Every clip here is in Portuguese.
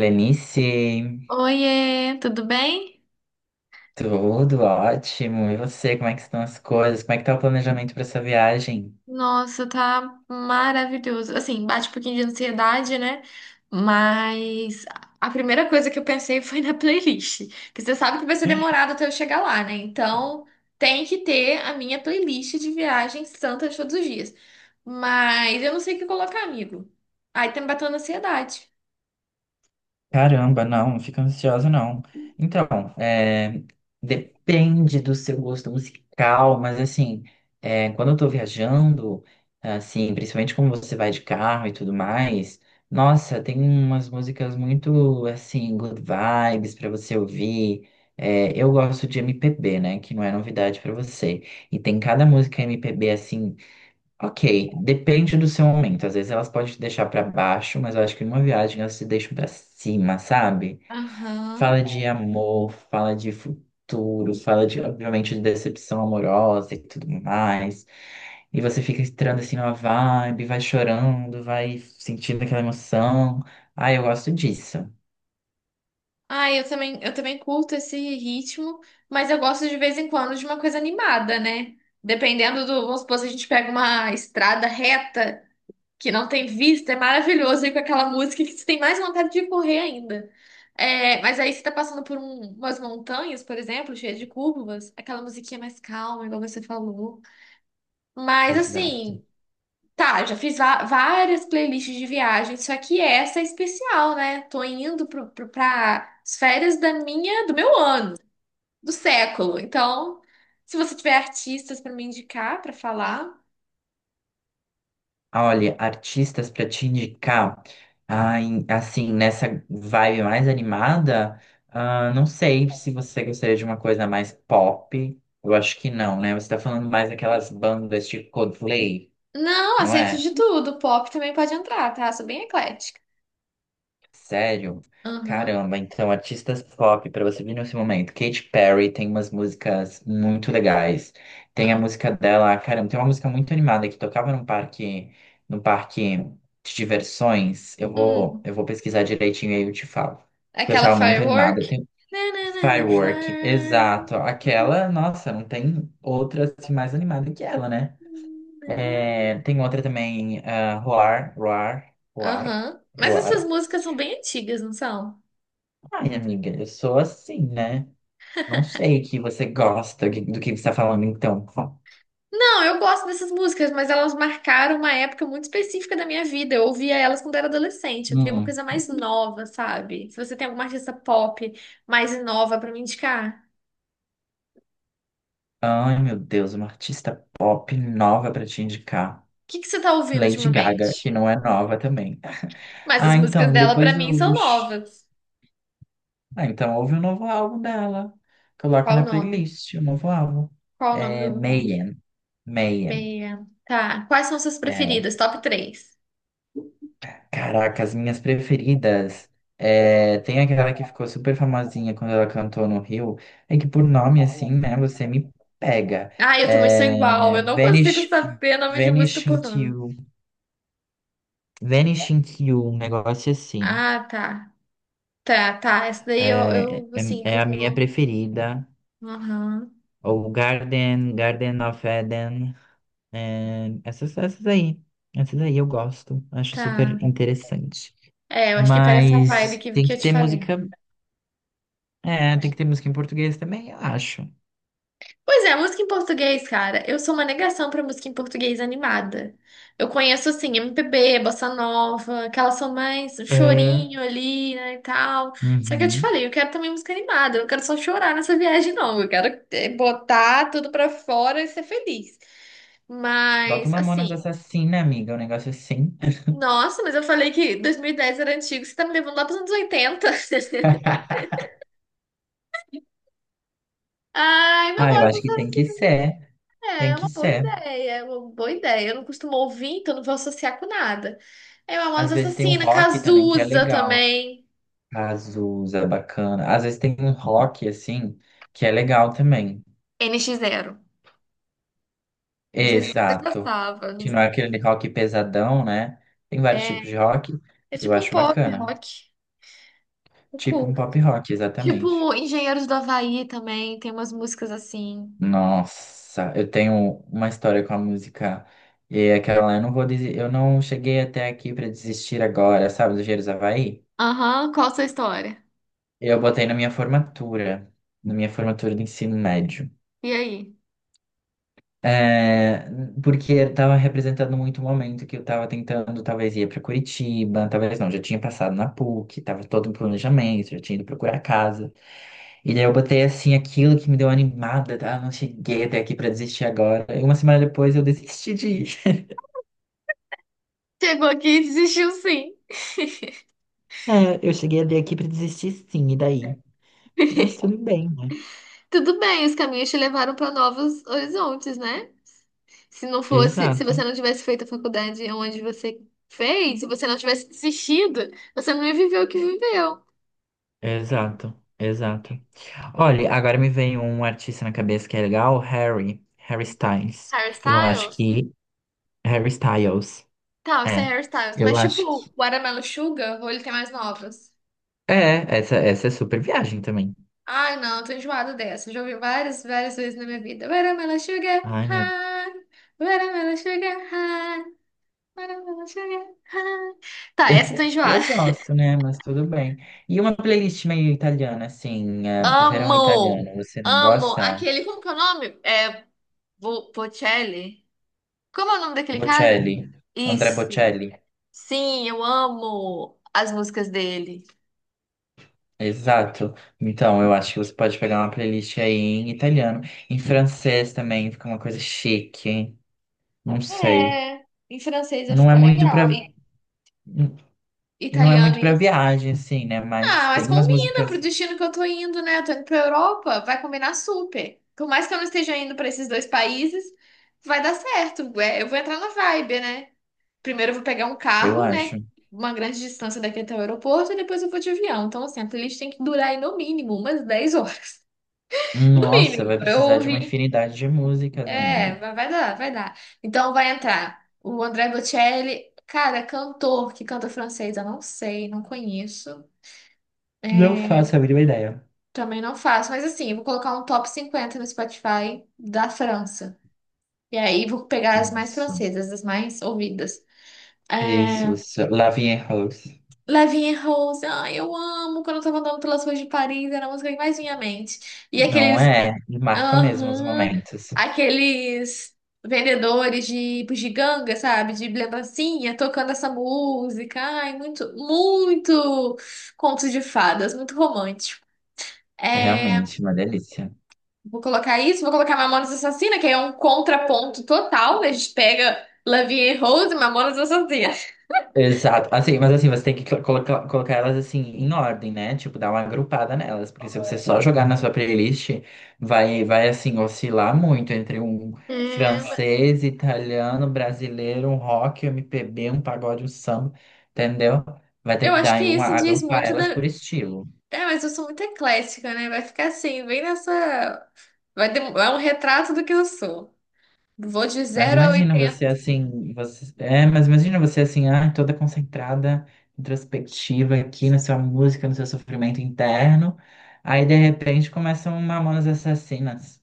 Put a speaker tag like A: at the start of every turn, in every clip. A: Lenice,
B: Oiê, tudo bem?
A: tudo ótimo. E você, como é que estão as coisas? Como é que tá o planejamento para essa viagem?
B: Nossa, tá maravilhoso. Assim, bate um pouquinho de ansiedade, né? Mas a primeira coisa que eu pensei foi na playlist. Porque você sabe que vai ser demorado até eu chegar lá, né? Então, tem que ter a minha playlist de viagens santas todos os dias. Mas eu não sei o que colocar, amigo. Aí tá me batendo ansiedade.
A: Caramba, não, não fica ansiosa, não. Então, é, depende do seu gosto musical, mas assim, quando eu tô viajando, assim, principalmente como você vai de carro e tudo mais, nossa, tem umas músicas muito, assim, good vibes pra você ouvir. É, eu gosto de MPB, né, que não é novidade pra você. E tem cada música MPB, assim, Ok, depende do seu momento. Às vezes elas podem te deixar pra baixo, mas eu acho que numa viagem elas te deixam pra cima, sabe?
B: Aham.
A: Fala de amor, fala de futuro, fala de, obviamente, de decepção amorosa e tudo mais. E você fica entrando assim numa vibe, vai chorando, vai sentindo aquela emoção. Ah, eu gosto disso.
B: Ah, eu também curto esse ritmo, mas eu gosto de vez em quando de uma coisa animada, né? Dependendo do, vamos supor, se a gente pega uma estrada reta que não tem vista, é maravilhoso ir com aquela música que você tem mais vontade de correr ainda. É, mas aí você tá passando por umas montanhas, por exemplo, cheias de curvas, aquela musiquinha mais calma, igual você falou. Mas
A: Exato.
B: assim, tá, eu já fiz várias playlists de viagem, só que essa é especial, né? Tô indo pra as férias da minha, do meu ano, do século. Então, se você tiver artistas pra me indicar, pra falar.
A: Olha, artistas para te indicar, assim, nessa vibe mais animada, não sei se você gostaria de uma coisa mais pop. Eu acho que não, né? Você tá falando mais daquelas bandas tipo Coldplay,
B: Não,
A: não
B: aceito
A: é?
B: de tudo. Pop também pode entrar, tá? Sou bem eclética.
A: Sério?
B: Aham.
A: Caramba, então artistas pop pra você vir nesse momento. Katy Perry tem umas músicas muito legais. Tem a
B: Ah,
A: música dela, caramba, tem uma música muito animada que tocava num parque de diversões. Eu vou,
B: hum.
A: eu vou pesquisar direitinho e aí eu te falo. Que eu
B: Aquela
A: achava muito
B: firework.
A: animada. Tem
B: Nanana, the
A: Firework, exato.
B: firework.
A: Aquela, nossa, não tem outra assim, mais animada que ela, né? É, tem outra também, Roar, Roar, Roar.
B: Aham. Mas essas
A: Roar.
B: músicas são bem antigas, não são?
A: Ai, amiga, eu sou assim, né? Não sei que você gosta do que você está falando, então.
B: Não, eu gosto dessas músicas, mas elas marcaram uma época muito específica da minha vida. Eu ouvia elas quando era adolescente. Eu queria uma
A: Hum.
B: coisa mais nova, sabe? Se você tem alguma artista pop mais nova pra me indicar, o
A: Ai, meu Deus, uma artista pop nova para te indicar.
B: que que você tá ouvindo
A: Lady Gaga, que
B: ultimamente?
A: não é nova também.
B: Mas as
A: Ah,
B: músicas
A: então,
B: dela
A: depois
B: pra mim
A: do,
B: são
A: do... sh-
B: novas.
A: ah, então ouve o novo álbum dela. Coloca
B: Qual o
A: na
B: nome?
A: playlist o novo álbum.
B: Qual o nome do
A: É
B: lugar?
A: Mayhem. Mayhem.
B: Meia. Tá. Quais são suas
A: É.
B: preferidas? Top três.
A: Caraca, as minhas preferidas. É, tem aquela que ficou super famosinha quando ela cantou no Rio. É que por nome assim, né? Você me pega.
B: Ah, eu também sou igual. Eu não consigo
A: Vanish,
B: saber nome de música
A: Vanish
B: por
A: into
B: nome.
A: You. Vanish into You, um negócio assim.
B: Ah, tá. Tá, tá. Essa daí eu,
A: É,
B: eu
A: é,
B: assim,
A: é a
B: por
A: minha
B: nome.
A: preferida.
B: Aham.
A: Ou Garden, Garden of Eden. É, essas aí. Essas aí eu gosto. Acho
B: Tá.
A: super interessante.
B: É, eu acho que pega essa vibe
A: Mas
B: que,
A: tem
B: que
A: que
B: eu te
A: ter
B: falei.
A: música. É, tem que ter música em português também, eu acho.
B: Pois é, música em português, cara. Eu sou uma negação pra música em português animada. Eu conheço, assim, MPB, bossa nova, que elas são mais um
A: É,
B: chorinho ali, né, e tal. Só que eu te
A: uhum.
B: falei, eu quero também música animada. Eu não quero só chorar nessa viagem, não. Eu quero botar tudo pra fora e ser feliz.
A: Bota
B: Mas,
A: uma Mamonas
B: assim,
A: Assassina, amiga, um negócio é assim.
B: nossa, mas eu falei que 2010 era antigo. Você tá me levando lá pros anos 80. Ai, meu
A: Ah, eu
B: amor,
A: acho que tem que ser,
B: é
A: tem
B: é uma
A: que
B: boa
A: ser.
B: ideia, é uma boa ideia. Eu não costumo ouvir, então não vou associar com nada. É uma
A: Às
B: Amante
A: vezes tem um
B: Assassina,
A: rock também que é
B: Cazuza
A: legal.
B: também.
A: Azusa, bacana. Às vezes tem um rock, assim, que é legal também.
B: N x Zero. Não sei se você
A: Exato.
B: gostava.
A: Que não é aquele rock pesadão, né? Tem vários
B: É,
A: tipos de rock,
B: é
A: eu
B: tipo um
A: acho
B: pop
A: bacana.
B: rock. Eu
A: Tipo um
B: curto.
A: pop rock, exatamente.
B: Tipo Engenheiros do Havaí também, tem umas músicas assim.
A: Nossa, eu tenho uma história com a música. E é aquela, eu não vou dizer, eu não cheguei até aqui pra desistir agora, sabe, do Engenheiros do Havaí?
B: Aham, qual a sua história?
A: Eu botei na minha formatura do ensino médio.
B: E aí?
A: É, porque estava representando muito o momento que eu estava tentando, talvez ia para Curitiba, talvez não, já tinha passado na PUC, estava todo um planejamento, já tinha ido procurar casa. E daí eu botei assim aquilo que me deu animada, tá? Não cheguei até aqui para desistir agora. E uma semana depois eu desisti de ir.
B: Chegou aqui e desistiu sim.
A: É, eu cheguei a ler aqui pra desistir sim, e daí? Mas tudo bem, né?
B: Tudo bem, os caminhos te levaram para novos horizontes, né? Se não fosse, se
A: Exato,
B: você não tivesse feito a faculdade onde você fez, se você não tivesse desistido, você não ia viver o que viveu.
A: exato, exato. Olha, agora me vem um artista na cabeça que é legal, Harry Styles. Eu acho
B: Hairstyles?
A: que Harry Styles.
B: Tá, isso é
A: É.
B: hairstyles.
A: Eu
B: Mas
A: acho que
B: tipo, Watermelon Sugar, ou ele tem mais novas?
A: é, essa é super viagem também.
B: Ai, não, tô enjoada dessa. Já ouvi várias, várias vezes na minha vida. Watermelon Sugar,
A: Ai, meu. Deus.
B: high. Watermelon Sugar, high. Watermelon Sugar, high. Tá, essa eu tô
A: Eu
B: enjoada.
A: gosto, né? Mas tudo bem. E uma playlist meio italiana, assim, é, verão
B: Amo!
A: italiano, você não
B: Amo!
A: gosta?
B: Aquele, como que é o nome? É, Bocelli? Como é o nome daquele cara?
A: Bocelli, André
B: Isso.
A: Bocelli.
B: Sim, eu amo as músicas dele.
A: Exato. Então, eu acho que você pode pegar uma playlist aí em italiano, em francês também, fica uma coisa chique, não sei.
B: É, em francês vai
A: Não é
B: ficar
A: muito
B: legal.
A: pra,
B: E
A: não é
B: italiano
A: muito pra
B: e.
A: viagem, assim, né?
B: Ah,
A: Mas
B: mas
A: tem umas
B: combina
A: músicas,
B: pro destino que eu tô indo, né? Eu tô indo pra Europa, vai combinar super. Por mais que eu não esteja indo pra esses dois países, vai dar certo. É, eu vou entrar na vibe, né? Primeiro eu vou pegar um
A: eu
B: carro, né?
A: acho.
B: Uma grande distância daqui até o aeroporto e depois eu vou de avião. Então, assim, a playlist tem que durar aí no mínimo umas 10 horas. No
A: Nossa,
B: mínimo,
A: vai
B: pra eu
A: precisar de uma
B: ouvir.
A: infinidade de músicas,
B: É,
A: amiga.
B: vai dar, vai dar. Então vai entrar o André Bocelli, cara, cantor que canta francês, eu não sei, não conheço.
A: Não faço a mínima ideia.
B: Também não faço, mas assim, eu vou colocar um top 50 no Spotify da França. E aí vou pegar as mais
A: Isso.
B: francesas, as mais ouvidas. É...
A: Isso. Love and Rose.
B: Lavigne Rose, ai, eu amo quando eu tava andando pelas ruas de Paris, era a música que mais vinha à mente. E aquele.
A: Não é? E marca mesmo os
B: Aham.
A: momentos.
B: Aqueles vendedores de bugiganga, sabe? De lembrancinha, tocando essa música. Ai, muito, muito conto de fadas, muito romântico.
A: É
B: É,
A: realmente uma delícia.
B: vou colocar isso, vou colocar Mamonas Assassina, que é um contraponto total, né? A gente pega Love and Rose e Mamonas Assassina.
A: Exato. Mas assim, você tem que colocar elas assim em ordem, né? Tipo, dar uma agrupada nelas, porque se você só jogar na sua playlist, vai assim oscilar muito entre um
B: É, mas
A: francês, italiano, brasileiro, um rock, um MPB, um pagode, um samba, entendeu? Vai ter
B: eu
A: que dar
B: acho que
A: aí uma
B: isso diz
A: agrupar
B: muito
A: elas
B: da.
A: por estilo.
B: É, mas eu sou muito eclética, né? Vai ficar assim, bem nessa. É um retrato do que eu sou. Vou de zero a 80.
A: Mas imagina você assim, ah, toda concentrada, introspectiva aqui na sua música, no seu sofrimento interno. Aí de repente começam Mamonas Assassinas.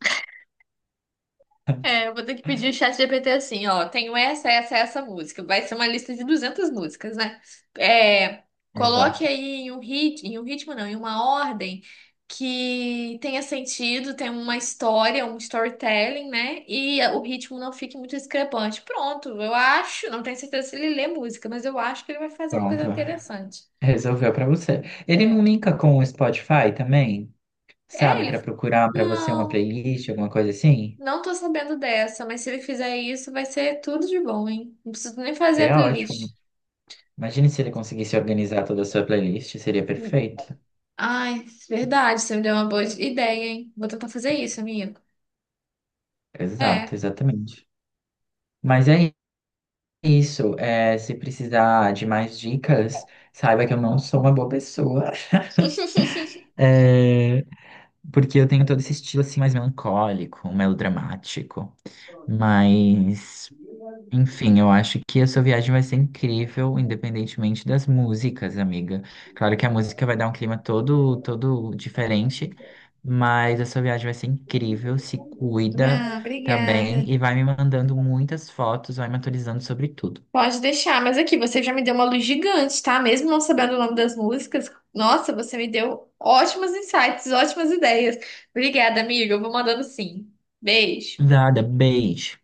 B: É, eu vou ter que pedir o chat GPT assim, ó. Tenho essa, essa, essa música. Vai ser uma lista de 200 músicas, né? É, coloque
A: Exato.
B: aí em um ritmo não, em uma ordem que tenha sentido, tenha uma história, um storytelling, né? E o ritmo não fique muito discrepante. Pronto, eu acho, não tenho certeza se ele lê música, mas eu acho que ele vai fazer uma coisa
A: Pronto,
B: interessante.
A: resolveu pra você. Ele não
B: É,
A: linka com o Spotify também,
B: é
A: sabe, pra
B: ele.
A: procurar pra você uma
B: Não.
A: playlist, alguma coisa assim?
B: Não tô sabendo dessa, mas se ele fizer isso, vai ser tudo de bom, hein? Não preciso nem fazer a
A: Seria
B: playlist.
A: ótimo. Imagine se ele conseguisse organizar toda a sua playlist, seria
B: Hum.
A: perfeito.
B: Ai, verdade, você me deu uma boa ideia, hein? Vou tentar fazer isso, amigo.
A: Exato,
B: É.
A: exatamente. Mas é isso, é, se precisar de mais dicas, saiba que eu não sou uma boa pessoa. É, porque eu tenho todo esse estilo assim mais melancólico, melodramático. Mas, enfim, eu acho que a sua viagem vai ser incrível, independentemente das músicas, amiga. Claro que a música vai dar um clima todo diferente, mas a sua viagem vai ser incrível, se cuida,
B: Ah,
A: tá
B: obrigada.
A: bem? E vai me mandando muitas fotos, vai me atualizando sobre tudo.
B: Pode deixar, mas aqui você já me deu uma luz gigante, tá? Mesmo não sabendo o nome das músicas, nossa, você me deu ótimos insights, ótimas ideias. Obrigada, amiga. Eu vou mandando sim. Beijo.
A: Nada, beijo.